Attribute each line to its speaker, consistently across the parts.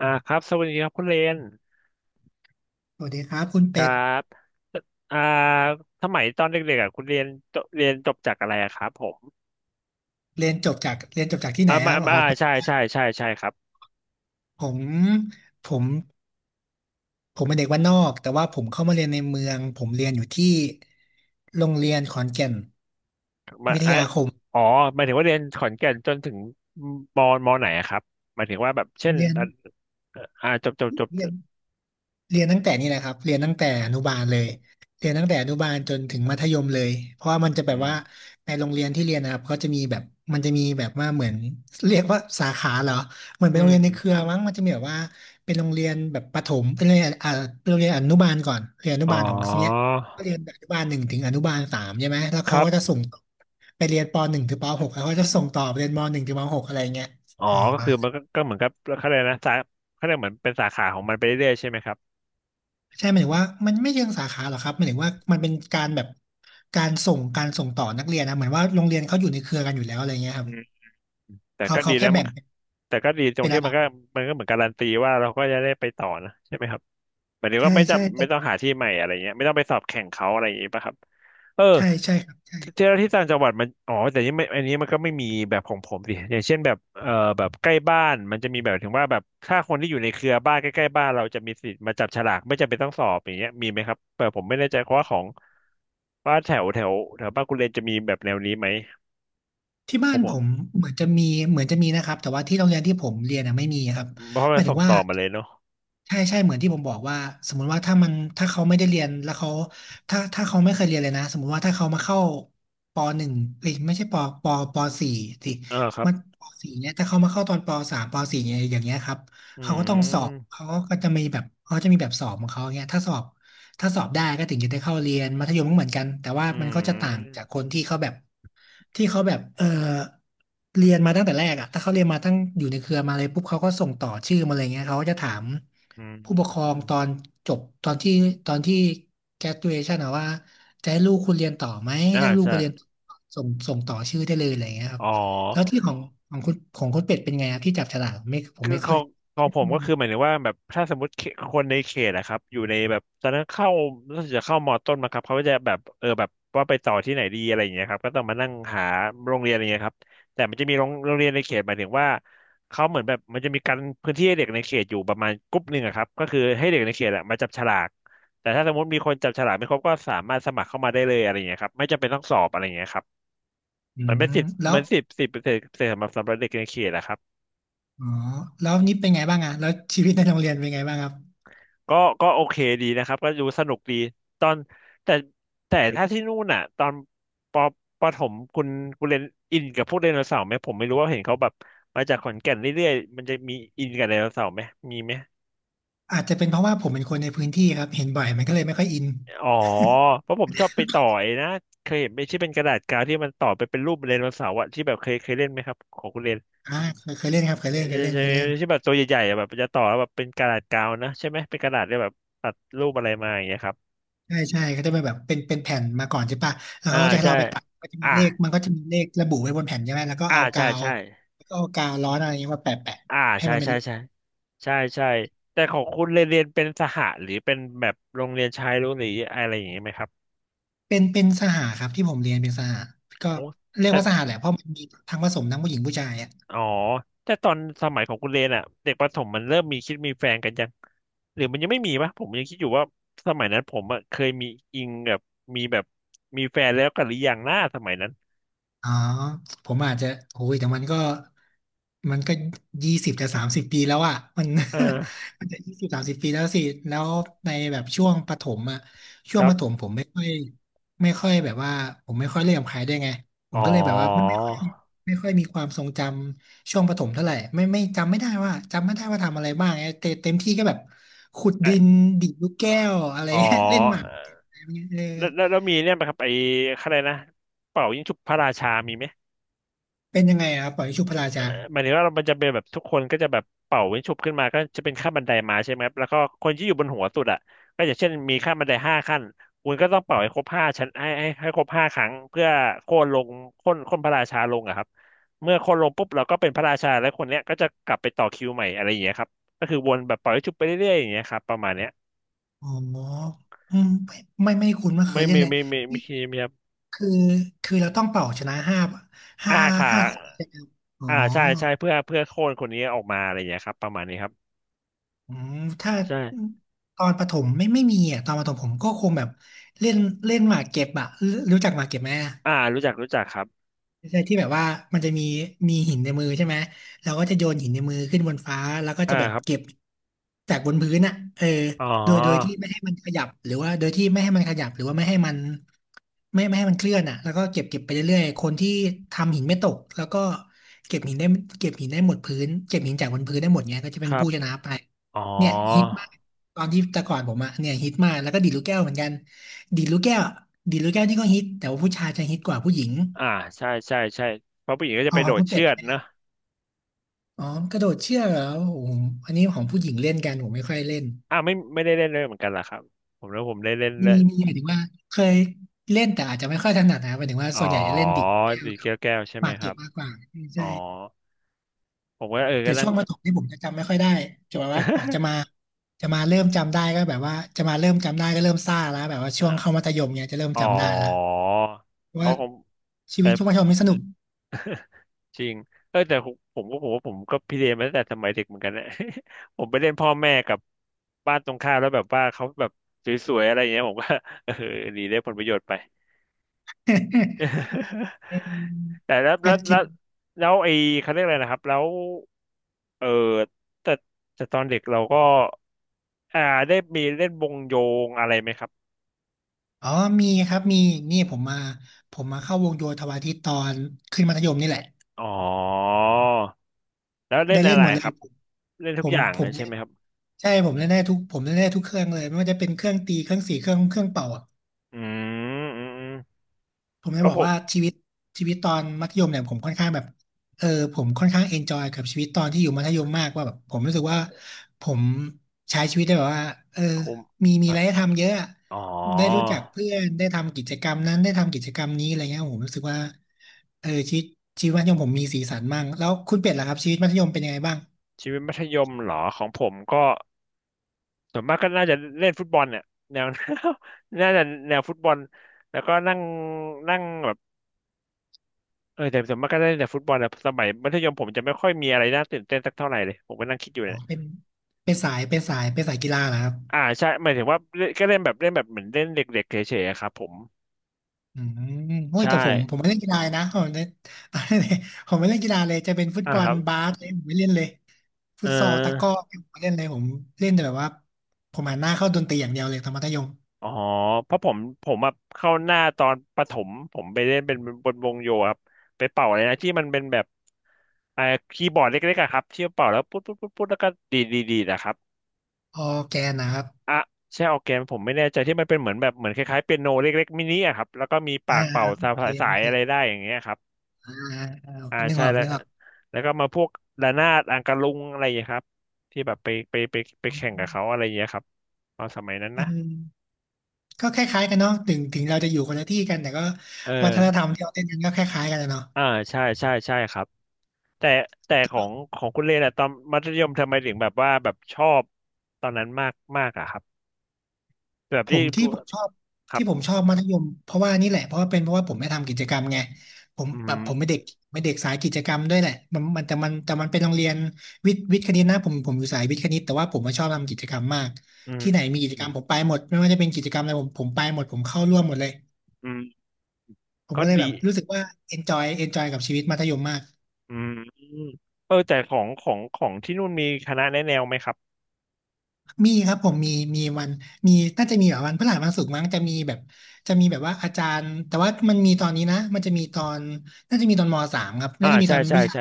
Speaker 1: ครับสวัสดีครับคุณเรน
Speaker 2: สวัสดีครับคุณ
Speaker 1: ค
Speaker 2: เป็
Speaker 1: รั
Speaker 2: ด
Speaker 1: บอ่าสมัยตอนเด็กๆอ่ะคุณเรียนจบจากอะไรอะครับผม
Speaker 2: เรียนจบจากเรียนจบจากที่ไหนค
Speaker 1: มา
Speaker 2: รับอ๋
Speaker 1: มา
Speaker 2: อหมายถึ
Speaker 1: ใช่
Speaker 2: งว่า
Speaker 1: ใช่ใช่ใช่ครับ
Speaker 2: ผมผมผมเป็นเด็กบ้านนอกแต่ว่าผมเข้ามาเรียนในเมืองผมเรียนอยู่ที่โรงเรียนขอนแก่น
Speaker 1: มา
Speaker 2: วิทยาคม
Speaker 1: อ๋อหมายถึงว่าเรียนขอนแก่นจนถึงมมไหนอะครับหมายถึงว่าแบบเช่น
Speaker 2: เรียน
Speaker 1: อ่าจบจบจบ
Speaker 2: เรี
Speaker 1: จ
Speaker 2: ยน
Speaker 1: บ
Speaker 2: เรียนตั้งแต่นี่แหละครับเรียนตั้งแต่อนุบาลเลยเรียนตั้งแต่อนุบาลจนถึงมัธยมเลยเพราะว่ามันจะ
Speaker 1: อื
Speaker 2: แบบว่า
Speaker 1: ม
Speaker 2: ในโรงเรียนที่เรียนนะครับก็จะมีแบบมันจะมีแบบว่าเหมือนเรียกว่าสาขาเหรอเหมือนเป็
Speaker 1: อื
Speaker 2: นโรงเรียนในเครือ
Speaker 1: ม
Speaker 2: มั้งมันจะมีแบบว่าเป็นโรงเรียนแบบประถมเป็นโรงเรียนอนุบาลก่อนเรียนอนุ
Speaker 1: อ๋
Speaker 2: บาลของเนี้ย
Speaker 1: อ
Speaker 2: ก็เรียนอนุบาลหนึ่งถึงอนุบาลสามใช่ไหมแล้ว
Speaker 1: ค
Speaker 2: เขา
Speaker 1: รั
Speaker 2: ก็จะ
Speaker 1: บ
Speaker 2: ส่งต่อไปเรียนปหนึ่งถึงปหกแล้วเขาก็จะส่งต่อไปเรียนมหนึ่งถึงมหกอะไรเงี้ย
Speaker 1: อ๋อ
Speaker 2: เออ
Speaker 1: ก็
Speaker 2: ประ
Speaker 1: คือ
Speaker 2: มาณ
Speaker 1: มันก็เหมือนกับเขาเรียกนะสาเขาเรียกเหมือนเป็นสาขาของมันไปเรื่อยๆใช่ไหมครับ
Speaker 2: ใช่หมายถึงว่ามันไม่เชิงสาขาหรอกครับหมายถึงว่ามันเป็นการแบบการส่งต่อนักเรียนนะเหมือนว่าโรงเรียนเขาอยู่ในเครือกันอยู่แล้วอะไรเงี้ยครับ
Speaker 1: อื แต่
Speaker 2: เขา
Speaker 1: ก็ดี
Speaker 2: เขาแค่
Speaker 1: นะมั
Speaker 2: แบ่
Speaker 1: น
Speaker 2: ง
Speaker 1: แต่ก็ดีตร
Speaker 2: เป็
Speaker 1: ง
Speaker 2: น
Speaker 1: ที่
Speaker 2: ระ
Speaker 1: มั
Speaker 2: ดั
Speaker 1: น
Speaker 2: บ
Speaker 1: ก็มันก็เหมือนการันตีว่าเราก็จะได้ไปต่อนะใช่ไหมครับหมายถึง
Speaker 2: ใช่
Speaker 1: ว่าไม่
Speaker 2: ใช่
Speaker 1: จำ
Speaker 2: แต่
Speaker 1: ไม่ต้องหาที่ใหม่อะไรเงี้ยไม่ต้องไปสอบแข่งเขาอะไรอย่างงี้ป่ะครับเออ
Speaker 2: ใช่ใช่ครับใช่
Speaker 1: เจ้าหน้าที่ต่างจังหวัดมันอ๋อแต่นี่ไม่อันนี้มันก็ไม่มีแบบของผมสิอย่างเช่นแบบแบบใกล้บ้านมันจะมีแบบถึงว่าแบบถ้าคนที่อยู่ในเครือบ้านใกล้ๆบ้านเราจะมีสิทธิ์มาจับฉลากไม่จำเป็นต้องสอบอย่างเงี้ยมีไหมครับแต่ผมไม่แน่ใจเพราะว่าของว่าแถวแถวแถวบ้านคุณเรนจะมีแบบแนวนี้ไหม
Speaker 2: ที่
Speaker 1: ผ
Speaker 2: บ้าน
Speaker 1: มบ
Speaker 2: ผ
Speaker 1: อก
Speaker 2: มเหมือนจะมีเหมือนจะมีนะครับแต่ว่าที่โรงเรียนที่ผมเรียนนะไม่มีครับ
Speaker 1: เพราะ
Speaker 2: ห
Speaker 1: มั
Speaker 2: มา
Speaker 1: น
Speaker 2: ยถึ
Speaker 1: ส่
Speaker 2: ง
Speaker 1: ง
Speaker 2: ว่า
Speaker 1: ต่อมาเลยเนาะ
Speaker 2: ใช่ใช่เหมือนที่ผมบอกว่าสมมุติว่าถ้าเขาไม่ได้เรียนแล้วเขาถ้าเขาไม่เคยเรียนเลยนะสมมุติว่าถ้าเขามาเข้าปหนึ่งเอ้ยไม่ใช่ปปสี่สิ
Speaker 1: เออครับ
Speaker 2: มันปสี่เนี่ยถ้าเขามาเข้าตอนปสามปสี่เนี่ยอย่างเงี้ยครับ
Speaker 1: อื
Speaker 2: เขาก็ต้องสอบ
Speaker 1: ม
Speaker 2: เขาก็จะมีแบบเขาจะมีแบบสอบของเขาเงี้ยถ้าสอบได้ก็ถึงจะได้เข้าเรียนมัธยมก็เหมือนกันแต่ว่า
Speaker 1: อื
Speaker 2: มันก็จะต่างจา
Speaker 1: ม
Speaker 2: กคนที่เขาแบบที่เขาแบบเออ เรียนมาตั้งแต่แรกอะถ้าเขาเรียนมาตั้งอยู่ในเครือมาเลยปุ๊บเขาก็ส่งต่อชื่อมาเลยเงี้ยเขาก็จะถาม
Speaker 1: อื
Speaker 2: ผู้ป
Speaker 1: ม
Speaker 2: กครองตอนจบตอนที่ตอนที่ graduation อะว่าจะให้ลูกคุณเรียนต่อไหมถ้าลูก
Speaker 1: ใช่
Speaker 2: คุณเรียนต่อส่งต่อชื่อได้เลยอะไรเงี้ยครั
Speaker 1: อ๋
Speaker 2: บ
Speaker 1: อ
Speaker 2: แล้วที่ของคุณเป็ดเป็นไงครับที่จับฉลากไม่ผม
Speaker 1: คือ
Speaker 2: ไม่
Speaker 1: ข
Speaker 2: เค
Speaker 1: อ
Speaker 2: ย
Speaker 1: งของ
Speaker 2: ไม่
Speaker 1: ผ
Speaker 2: เค
Speaker 1: ม
Speaker 2: ย
Speaker 1: ก็
Speaker 2: เล
Speaker 1: คือ
Speaker 2: ย
Speaker 1: หมายถึงว่าแบบถ้าสมมติเขตคนในเขตอะครับอยู่ในแบบตอนนั้นเข้ารู้สึกจะเข้ามอต้นมาครับเขาก็จะแบบเออแบบว่าไปต่อที่ไหนดีอะไรอย่างเงี้ยครับก็ต้องมานั่งหาโรงเรียนอะไรเงี้ยครับแต่มันจะมีโรงเรียนในเขตหมายถึงว่าเขาเหมือนแบบมันจะมีการพื้นที่ให้เด็กในเขตอยู่ประมาณกลุ่มหนึ่งอะครับก็คือให้เด็กในเขตอะมาจับฉลากแต่ถ้าสมมติมีคนจับฉลากไม่ครบก็สามารถสมัครเข้ามาได้เลยอะไรอย่างเงี้ยครับไม่จำเป็นต้องสอบอะไรอย่างเงี้ยครับ
Speaker 2: อื
Speaker 1: มันเป็
Speaker 2: ม
Speaker 1: นสิทธิ์
Speaker 2: แล้
Speaker 1: เหมื
Speaker 2: ว
Speaker 1: อนสิบเปอร์เซ็นต์สำหรับเด็กในเขตอะครับ
Speaker 2: อ๋อแล้วนี่เป็นไงบ้างอะแล้วชีวิตในโรงเรียนเป็นไงบ้างครับ
Speaker 1: ก็ก็โอเคดีนะครับก็ดูสนุกดีตอนแต่แต่ถ้าที่นู่นอ่ะตอนปประถมคุณเรียนอินกับพวกไดโนเสาร์ไหมผมไม่รู้ว่าเห็นเขาแบบมาจากขอนแก่นเรื่อยๆมันจะมีอินกับไดโนเสาร์ไหมมีไหม
Speaker 2: อาจจะเป็นเพราะว่าผมเป็นคนในพื้นที่ครับเห็นบ่อยมันก็เลยไม่ค่อยอิน
Speaker 1: อ๋อเพราะผมชอบไปต่อไอ้นะเคยเห็นไหมที่เป็นกระดาษกาวที่มันต่อไปเป็นรูปไดโนเสาร์อะที่แบบเคยเล่นไหมครับของคุณเรียน
Speaker 2: เคยเคยเล่นครับเคยเล่นเคยเล่น
Speaker 1: ใช่
Speaker 2: เคยเล่น
Speaker 1: ที่แบบตัวใหญ่ๆอะแบบจะต่อแล้วแบบเป็นกระดาษกาวนะใช่ไหมเป็นกระดาษที่แบบตัดรูปอะไรมาอย่างเงี้ยครับ
Speaker 2: ใช่ใช่เขาจะเป็นแบบเป็นแผ่นมาก่อนใช่ปะแล้ว
Speaker 1: อ่า
Speaker 2: เขาก็จะให้
Speaker 1: ใช่
Speaker 2: เราไปตัดก็จะมี
Speaker 1: อ่า
Speaker 2: เลขมันก็จะมีเลขระบุไว้บนแผ่นใช่ไหม
Speaker 1: ใช่ใช่
Speaker 2: แล้วก็เอากาวร้อนอะไรเงี้ยมาแปะแปะ
Speaker 1: อ่า
Speaker 2: ให้
Speaker 1: ใช่
Speaker 2: มันเป็น
Speaker 1: ใช่
Speaker 2: รูป
Speaker 1: ใช่ใช่ใช่แต่ของคุณเรียนเป็นสหะหรือเป็นแบบโรงเรียนชายล้วนหรืออะไรอย่างนี้ไหมครับ
Speaker 2: เป็นสหครับที่ผมเรียนเป็นสหก็
Speaker 1: โอ้
Speaker 2: เรียก
Speaker 1: แต่
Speaker 2: ว่าสหแหละเพราะมันมีทั้งผสมทั้งผู้หญิงผู้ชายอะ
Speaker 1: อ๋อแต่ตอนสมัยของคุณเรียนอ่ะเด็กประถมมันเริ่มมีคิดมีแฟนกันยังหรือมันยังไม่มีปะผมยังคิดอยู่ว่าสมัยนั้นผมอะเคยมีอิงแบบมีแบบมีแฟนแล้วกันหรือยังหน้าสมัยนั้น
Speaker 2: อ๋อผมอาจจะโอ้ยแต่มันก็20 จะ 30 ปีแล้วอ่ะมัน
Speaker 1: เออ
Speaker 2: มันจะ20 30 ปีแล้วสิแล้วในแบบช่วงประถมอ่ะช่
Speaker 1: ค
Speaker 2: วง
Speaker 1: รั
Speaker 2: ประถม
Speaker 1: บ
Speaker 2: ผมไม่ค่อยแบบว่าผมไม่ค่อยเล่นกับใครได้วยไงผ
Speaker 1: อ๋
Speaker 2: ม
Speaker 1: อ
Speaker 2: ก็เลยแบบว่าไม่ค่อยมีความทรงจำช่วงประถมเท่าไหร่ไม่ไม่จำไม่ได้ว่าจำไม่ได้ว่าทำอะไรบ้างไงเต็มที่ก็แบบขุด
Speaker 1: เอ
Speaker 2: ดิ
Speaker 1: อ
Speaker 2: นดีดลูกแก้วอะไร
Speaker 1: อ๋อ
Speaker 2: เงี้ยเล่นหมากอะไรเงี้ยเออ
Speaker 1: แล้วมีเนี่ยไหมครับไอ้อะไรนะเป่ายิงฉุบพระราชามีไหม
Speaker 2: เป็นยังไงอะครับปล่อยชุบพระราชา
Speaker 1: หมายถึงว่ามันจะเป็นแบบทุกคนก็จะแบบเป่าวิ้งฉุบขึ้นมาก็จะเป็นขั้นบันไดมาใช่ไหมครับแล้วก็คนที่อยู่บนหัวสุดอ่ะก็อย่างเช่นมีขั้นบันไดห้าขั้นคุณก็ต้องเป่าให้ครบห้าชั้นให้ครบห้าครั้งเพื่อโค่นลงโค่นพระราชาลงอะครับเมื่อโค่นลงปุ๊บเราก็เป็นพระราชาแล้วคนเนี้ยก็จะกลับไปต่อคิวใหม่อะไรอย่างเงี้ยครับก็คือวนแบบเป่าวิ้งฉุบไปเรื่อยๆอย่างเงี้ยครับประมาณเนี้ย
Speaker 2: อ๋ออืมไม่คุ้นไม่เคย
Speaker 1: ไม่
Speaker 2: เล่น
Speaker 1: ไม่
Speaker 2: เลย
Speaker 1: ไม่ไม่ไม่ไม่ไ
Speaker 2: นี่
Speaker 1: ม่ครับ
Speaker 2: คือคือเราต้องเป่าชนะห้าห้า
Speaker 1: อ่าค่ะ
Speaker 2: คนใช่ไหมอ๋อ
Speaker 1: ใช่ใช่เพื่อโค่นคนนี้ออกมาอะไรอย่างเงี้ยครับประมาณนี้ครับ
Speaker 2: อืมถ้า
Speaker 1: ใช่
Speaker 2: ตอนประถมไม่มีอ่ะตอนประถมผมก็คงแบบเล่นเล่นหมากเก็บอ่ะรู้จักหมากเก็บไหมอะ
Speaker 1: รู้จักครับ
Speaker 2: ใช่ที่แบบว่ามันจะมีหินในมือใช่ไหมเราก็จะโยนหินในมือขึ้นบนฟ้าแล้วก็จะแบบ
Speaker 1: ครั
Speaker 2: เก็
Speaker 1: บ
Speaker 2: บจากบนพื้นอ่ะเออ
Speaker 1: อ๋อ
Speaker 2: โดยที่ไม่ให้มันขยับหรือว่าโดยที่ไม่ให้มันขยับหรือว่าไม่ให้มันไม่ให้มันเคลื่อนอ่ะแล้วก็เก็บไปเรื่อยๆคนที่ทำหินไม่ตกแล้วก็เก็บหินได้เก็บหินได้หมดพื้นเก็บหินจากบนพื้นได้หมดเนี้ยก็จะ
Speaker 1: ค
Speaker 2: เป็น
Speaker 1: รับ
Speaker 2: ผู้ชนะไป
Speaker 1: อ๋อ
Speaker 2: เนี่ยฮิตมากตอนที่แต่ก่อนผมอะเนี่ยฮิตมากแล้วก็ดีดลูกแก้วเหมือนกันดีดลูกแก้วดีดลูกแก้วนี่ก็ฮิตแต่ว่าผู้ชายจะฮิตกว่าผู้หญิง
Speaker 1: อ่าใช่ใช่ใช่เพราะผู้หญิงก็จะ
Speaker 2: เอา
Speaker 1: ไป
Speaker 2: ข
Speaker 1: โด
Speaker 2: อง
Speaker 1: ด
Speaker 2: คุณเป็
Speaker 1: เชื
Speaker 2: ด
Speaker 1: อกนะ
Speaker 2: อ๋อกระโดดเชือกเหรอโอ้โหอันนี้ของผู้หญิงเล่นกันผมไม่ค่อยเล่น
Speaker 1: ไม่ได้เล่นเลยเหมือนกันล่ะครับผมแล้วผมได้เล่น
Speaker 2: มี
Speaker 1: เล่น
Speaker 2: มีหมายถึงว่าเคยเล่นแต่อาจจะไม่ค่อยถนัดนะหมายถึงว่า
Speaker 1: อ๋อ
Speaker 2: ส่วนใหญ่จะเล่นดิดแก้ว
Speaker 1: ดีด
Speaker 2: กับ
Speaker 1: แก้วใช่
Speaker 2: ห
Speaker 1: ไหม
Speaker 2: มาก
Speaker 1: ค
Speaker 2: เก็
Speaker 1: รั
Speaker 2: บ
Speaker 1: บ
Speaker 2: มากกว่า
Speaker 1: อ๋อ
Speaker 2: ใช่
Speaker 1: ผมก็เออ
Speaker 2: แต่
Speaker 1: ก็นั่
Speaker 2: ช่
Speaker 1: ง
Speaker 2: วงประถมที่ผมจะจำไม่ค่อยได้จะแบบว่าจะมา จะมาเริ่มจำได้ก็เริ่มซ่าแล้วแบบว่าช่วงเข้า
Speaker 1: อ
Speaker 2: มัธยมเนี่ยจะเริ่ม
Speaker 1: อ๋อ
Speaker 2: จำได้แล้ว
Speaker 1: เพ
Speaker 2: ว่า
Speaker 1: ราะผม
Speaker 2: ชีวิ
Speaker 1: แต่
Speaker 2: ตช่วงมัธยมนี่สนุก
Speaker 1: จริงเออแต่ผมว่าผมก็พิเรนมาตั้งแต่สมัยเด็กเหมือนกันนะ ผมไปเล่นพ่อแม่กับบ้านตรงข้ามแล้วแบบว่าเขาแบบสวยๆอะไรอย่างเงี้ยผมก็ เออหนีได้ผลประโยชน์ไป
Speaker 2: เออ
Speaker 1: แต่
Speaker 2: ก็จริง
Speaker 1: แล้วไอ้เขาเรียกอะไรนะครับแล้วเออแต่ตอนเด็กเราก็อ่าได้มีเล่นวงโยงอะไรไหมครับ
Speaker 2: อ๋อมีครับมีนี่ผมมาผมมาเข้าวงโยธวาทิตตอนขึ้นมัธยมนี่แหละ
Speaker 1: อ๋อแล้วเล่
Speaker 2: ได้
Speaker 1: น
Speaker 2: เล่
Speaker 1: อะ
Speaker 2: น
Speaker 1: ไร
Speaker 2: หมดเล
Speaker 1: ค
Speaker 2: ย
Speaker 1: รับ
Speaker 2: ผม
Speaker 1: เล่นทุ
Speaker 2: ผ
Speaker 1: กอ
Speaker 2: ม
Speaker 1: ย่าง
Speaker 2: ผ
Speaker 1: เล
Speaker 2: ม
Speaker 1: ยใช่
Speaker 2: เล่
Speaker 1: ไหม
Speaker 2: น
Speaker 1: ครับ
Speaker 2: ใช่ผมเล่นได้ทุกเครื่องเลยไม่ว่าจะเป็นเครื่องตีเครื่องสีเครื่องเป่า
Speaker 1: อืมอืมอืม
Speaker 2: ผมจะ
Speaker 1: ก็
Speaker 2: บอ
Speaker 1: ผ
Speaker 2: ก
Speaker 1: ม
Speaker 2: ว่าชีวิตตอนมัธยมเนี่ยผมค่อนข้างแบบเออผมค่อนข้างเอนจอยกับชีวิตตอนที่อยู่มัธยมมากว่าแบบผมรู้สึกว่าผมใช้ชีวิตได้แบบว่าเอ
Speaker 1: ผม
Speaker 2: มีอะ
Speaker 1: อะ
Speaker 2: ไรให้ทำเยอะอะ
Speaker 1: อ๋อ
Speaker 2: ได้รู้จักเพื่อนได้ทำกิจกรรมนั้นได้ทำกิจกรรมนี้อะไรเงี้ยผมรู้สึกว่าเออชีวิตมัธยมผมมีสีสันมากแล้วคุณเป็ดล่ะครับชีวิตมัธยมเป็นยังไงบ้าง
Speaker 1: ชีวิตมัธยมเหรอของผมก็ส่วนมากก็น่าจะเล่นฟุตบอลเนี่ยแนว น่าจะแนวฟุตบอลแล้วก็นั่งนั่งแบบ เออแต่ส่วนมากก็ได้แต่ฟุตบอลนะสมัยมัธยมผมจะไม่ค่อยมีอะไรน่าตื่นเต้นสักเท่าไหร่เลยผมก็นั่งคิดอยู่
Speaker 2: อ๋อ
Speaker 1: เนี่ย
Speaker 2: เป็นเป็นสายกีฬาเหรอครับ
Speaker 1: อ่าใช่หมายถึงว่าเล่นก็เล่นแบบเหมือนเล่นเด็กๆเฉยๆอะครับผม
Speaker 2: อืมโอ้ย
Speaker 1: ใช่
Speaker 2: แต่ผมไม่เล่นกีฬานะผมไม่เล่นกีฬาเลยจะเป็นฟุต
Speaker 1: อ่า
Speaker 2: บอ
Speaker 1: ค
Speaker 2: ล
Speaker 1: รับ
Speaker 2: บาสเลยผมไม่เล่นเลย
Speaker 1: เ
Speaker 2: ฟุตซอลตะกร้อ
Speaker 1: ออ
Speaker 2: ผมไม่เล่นเลยผมเล่นแต่แบบว่าผมหันหน้าเข้าดนตรีอย่างเดียวเลยตอนมัธยม
Speaker 1: อ๋อเพราะผมผมอะเข้าหน้าตอนประถมผมไปเล่นเป็นบนวงโยครับไปเป่าอะไรนะที่มันเป็นแบบไอคีย์บอร์ดเล็กๆอะครับที่เป่าแล้วปุ๊ดปุ๊ดปุ๊ดปุ๊ดแล้วก็ดีดดีดดีดอะครับ
Speaker 2: ออร์แกนนะครับ
Speaker 1: อะใช่ออร์แกนผมไม่แน่ใจที่มันเป็นเหมือนแบบเหมือนคล้ายๆเปียโนเล็กๆมินิอะครับแล้วก็มีปา
Speaker 2: อ่า
Speaker 1: กเป่า
Speaker 2: โอ
Speaker 1: สา
Speaker 2: เค
Speaker 1: ยสา
Speaker 2: โอ
Speaker 1: ย
Speaker 2: เค
Speaker 1: อะไรได้อย่างเงี้ยครับ
Speaker 2: อ่าอ่า
Speaker 1: อ่าใช่แล้ว
Speaker 2: นึกออก
Speaker 1: แล้วก็มาพวกระนาดอังกะลุงอะไรอย่างเงี้ยครับที่แบบไปแข่งกับเขาอะไรอย่างเงี้ยครับตอนสมัยนั้น
Speaker 2: อื
Speaker 1: นะ
Speaker 2: มก็คล้ายๆกันเนาะถึงเราจะอยู่คนละที่กันแต่ก็
Speaker 1: เออ
Speaker 2: วัฒนธรรมที่เราเล่นกันก็คล้ายๆกันอะเนาะ
Speaker 1: อ่าใช่ใช่ใช่ครับแต่ของคุณเล่นอะตอนมัธยมทำไมถึงแบบว่าแบบชอบตอนนั้นมากมากอะครับแบบ
Speaker 2: ผ
Speaker 1: ที่
Speaker 2: มที่
Speaker 1: พูด
Speaker 2: ผมชอบ
Speaker 1: ครั
Speaker 2: ที่
Speaker 1: บ
Speaker 2: ผมชอบมัธยมเพราะว่านี่แหละเพราะว่าผมไม่ทำกิจกรรมไงผม
Speaker 1: อื
Speaker 2: แบบผมไม่
Speaker 1: ม
Speaker 2: เด็กสายกิจกรรมด้วยแหละมันแต่มันเป็นโรงเรียนวิทย์คณิตนะผมอยู่สายวิทย์คณิตแต่ว่าผมมาชอบทำกิจกรรมมาก
Speaker 1: อืม
Speaker 2: ที่ไหนมีกิจ
Speaker 1: อื
Speaker 2: กรร
Speaker 1: ม
Speaker 2: มผมไปหมดไม่ว่าจะเป็นกิจกรรมอะไรผมไปหมดผมเข้าร่วมหมดเลย
Speaker 1: อืม
Speaker 2: ผม
Speaker 1: ก็
Speaker 2: ก็เลยแบ
Speaker 1: ดี
Speaker 2: บรู้สึกว่า enjoy กับชีวิตมัธยมมาก
Speaker 1: อืมเออแต่ของที่นู่นมีคณะแนะแนวไหมครับ
Speaker 2: มีครับผมมีมีวันมีน่าจะมีแบบวันพฤหัสวันศุกร์มั้งจะมีแบบจะมีแบบว่าอาจารย์แต่ว่ามันมีตอนนี้นะมันจะมีตอนน่าจะมีตอนมสามครับ
Speaker 1: อ่า
Speaker 2: น่าจะมี
Speaker 1: ใช่
Speaker 2: ตอน
Speaker 1: ใช่
Speaker 2: วิชา
Speaker 1: ใช่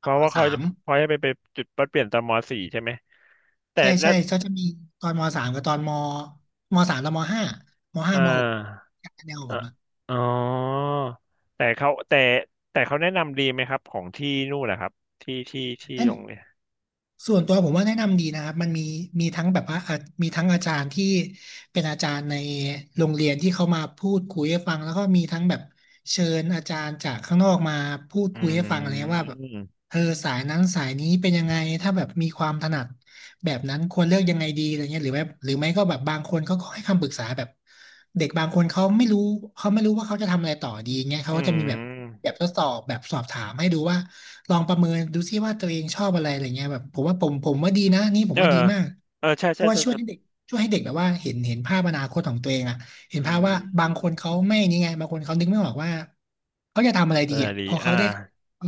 Speaker 2: ต
Speaker 1: พ
Speaker 2: อน
Speaker 1: ราะ
Speaker 2: ม
Speaker 1: ว่า
Speaker 2: สา
Speaker 1: เขาจะ
Speaker 2: ม
Speaker 1: ไปไปจุดปัดเปลี่ยนตอนมสี่ใช่ไหมแต่
Speaker 2: ใช่
Speaker 1: แล้
Speaker 2: ใช่
Speaker 1: ว
Speaker 2: เขาจะมีตอนมสามกับตอนมมสามตอนมห้า
Speaker 1: อ่
Speaker 2: มหก
Speaker 1: า
Speaker 2: แนวของผ
Speaker 1: อ่ะ
Speaker 2: มอ่ะ
Speaker 1: อ๋อแต่เขาแต่เขาแนะนำดีไหมครับของที่นู่นนะครับที่
Speaker 2: น
Speaker 1: ตรงเนี่
Speaker 2: ส่วนตัวผมว่าแนะนำดีนะครับมันมีมีทั้งแบบว่าอ่ะมีทั้งอาจารย์ที่เป็นอาจารย์ในโรงเรียนที่เขามาพูดคุยให้ฟังแล้วก็มีทั้งแบบเชิญอาจารย์จากข้างนอกมาพูด
Speaker 1: อื
Speaker 2: คุยให้ฟังอะไรเงี้ยว่าแบ
Speaker 1: ม
Speaker 2: บเออสายนั้นสายนี้เป็นยังไงถ้าแบบมีความถนัด แบบนั้นควรเลือกยังไงดีอะไรเงี้ยหรือแบบหรือไม่ก็แบบบางคนเขาก็ให้คำปรึกษาแบบเด็กบางคนเขาไม่รู้เขาไม่รู้ว่าเขาจะทำอะไรต่อดีเงี้ยเขา
Speaker 1: อื
Speaker 2: ก็จะมีแบบ
Speaker 1: ม
Speaker 2: แบบทดสอบแบบสอบถามให้ดูว่าลองประเมินดูซิว่าตัวเองชอบอะไรอะไรเงี้ยแบบผมว่าดีนะนี่ผ
Speaker 1: เอ
Speaker 2: ม
Speaker 1: อ
Speaker 2: ว่าดีมาก
Speaker 1: เออใช่
Speaker 2: เพ
Speaker 1: ใช่
Speaker 2: ราะว่า
Speaker 1: ใช่ใช่
Speaker 2: ช่วยให้เด็กแบบว่าเห็นภาพอนาคตของตัวเองอะเห็น
Speaker 1: อื
Speaker 2: ภาพว่าบา
Speaker 1: ม
Speaker 2: งคนเขาไม่นี่ไงบางคนเขานึกไม่ออกว่าเขาจะทำอะไรดี
Speaker 1: นา
Speaker 2: อ่ะ
Speaker 1: ดี
Speaker 2: พอ
Speaker 1: อ่า
Speaker 2: เขาได้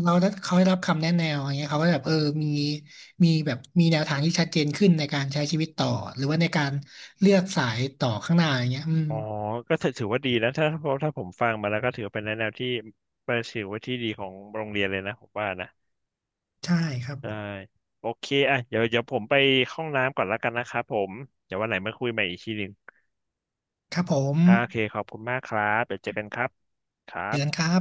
Speaker 2: เขาได้รับคำแนะแนวอย่างเงี้ยเขาก็แบบเออมีมีแบบมีแนวทางที่ชัดเจนขึ้นในการใช้ชีวิตต่อหรือว่าในการเลือกสายต่อข้างหน้าอย่างเงี้ยอืม
Speaker 1: อ๋อก็ถือว่าดีนะถ้าเพราะถ้าผมฟังมาแล้วก็ถือว่าเป็นแนวที่เป็นถือว่าที่ดีของโรงเรียนเลยนะผมว่านะ
Speaker 2: ใช่ครับ
Speaker 1: ใช่โอเคอ่ะเดี๋ยวผมไปห้องน้ำก่อนแล้วกันนะครับผมเดี๋ยววันไหนมาคุยใหม่อีกทีหนึ่ง
Speaker 2: ครับผม
Speaker 1: อ่าโอเคขอบคุณมากครับเดี๋ยวเจอกันครับครั
Speaker 2: เจอกัน
Speaker 1: บ
Speaker 2: ครับ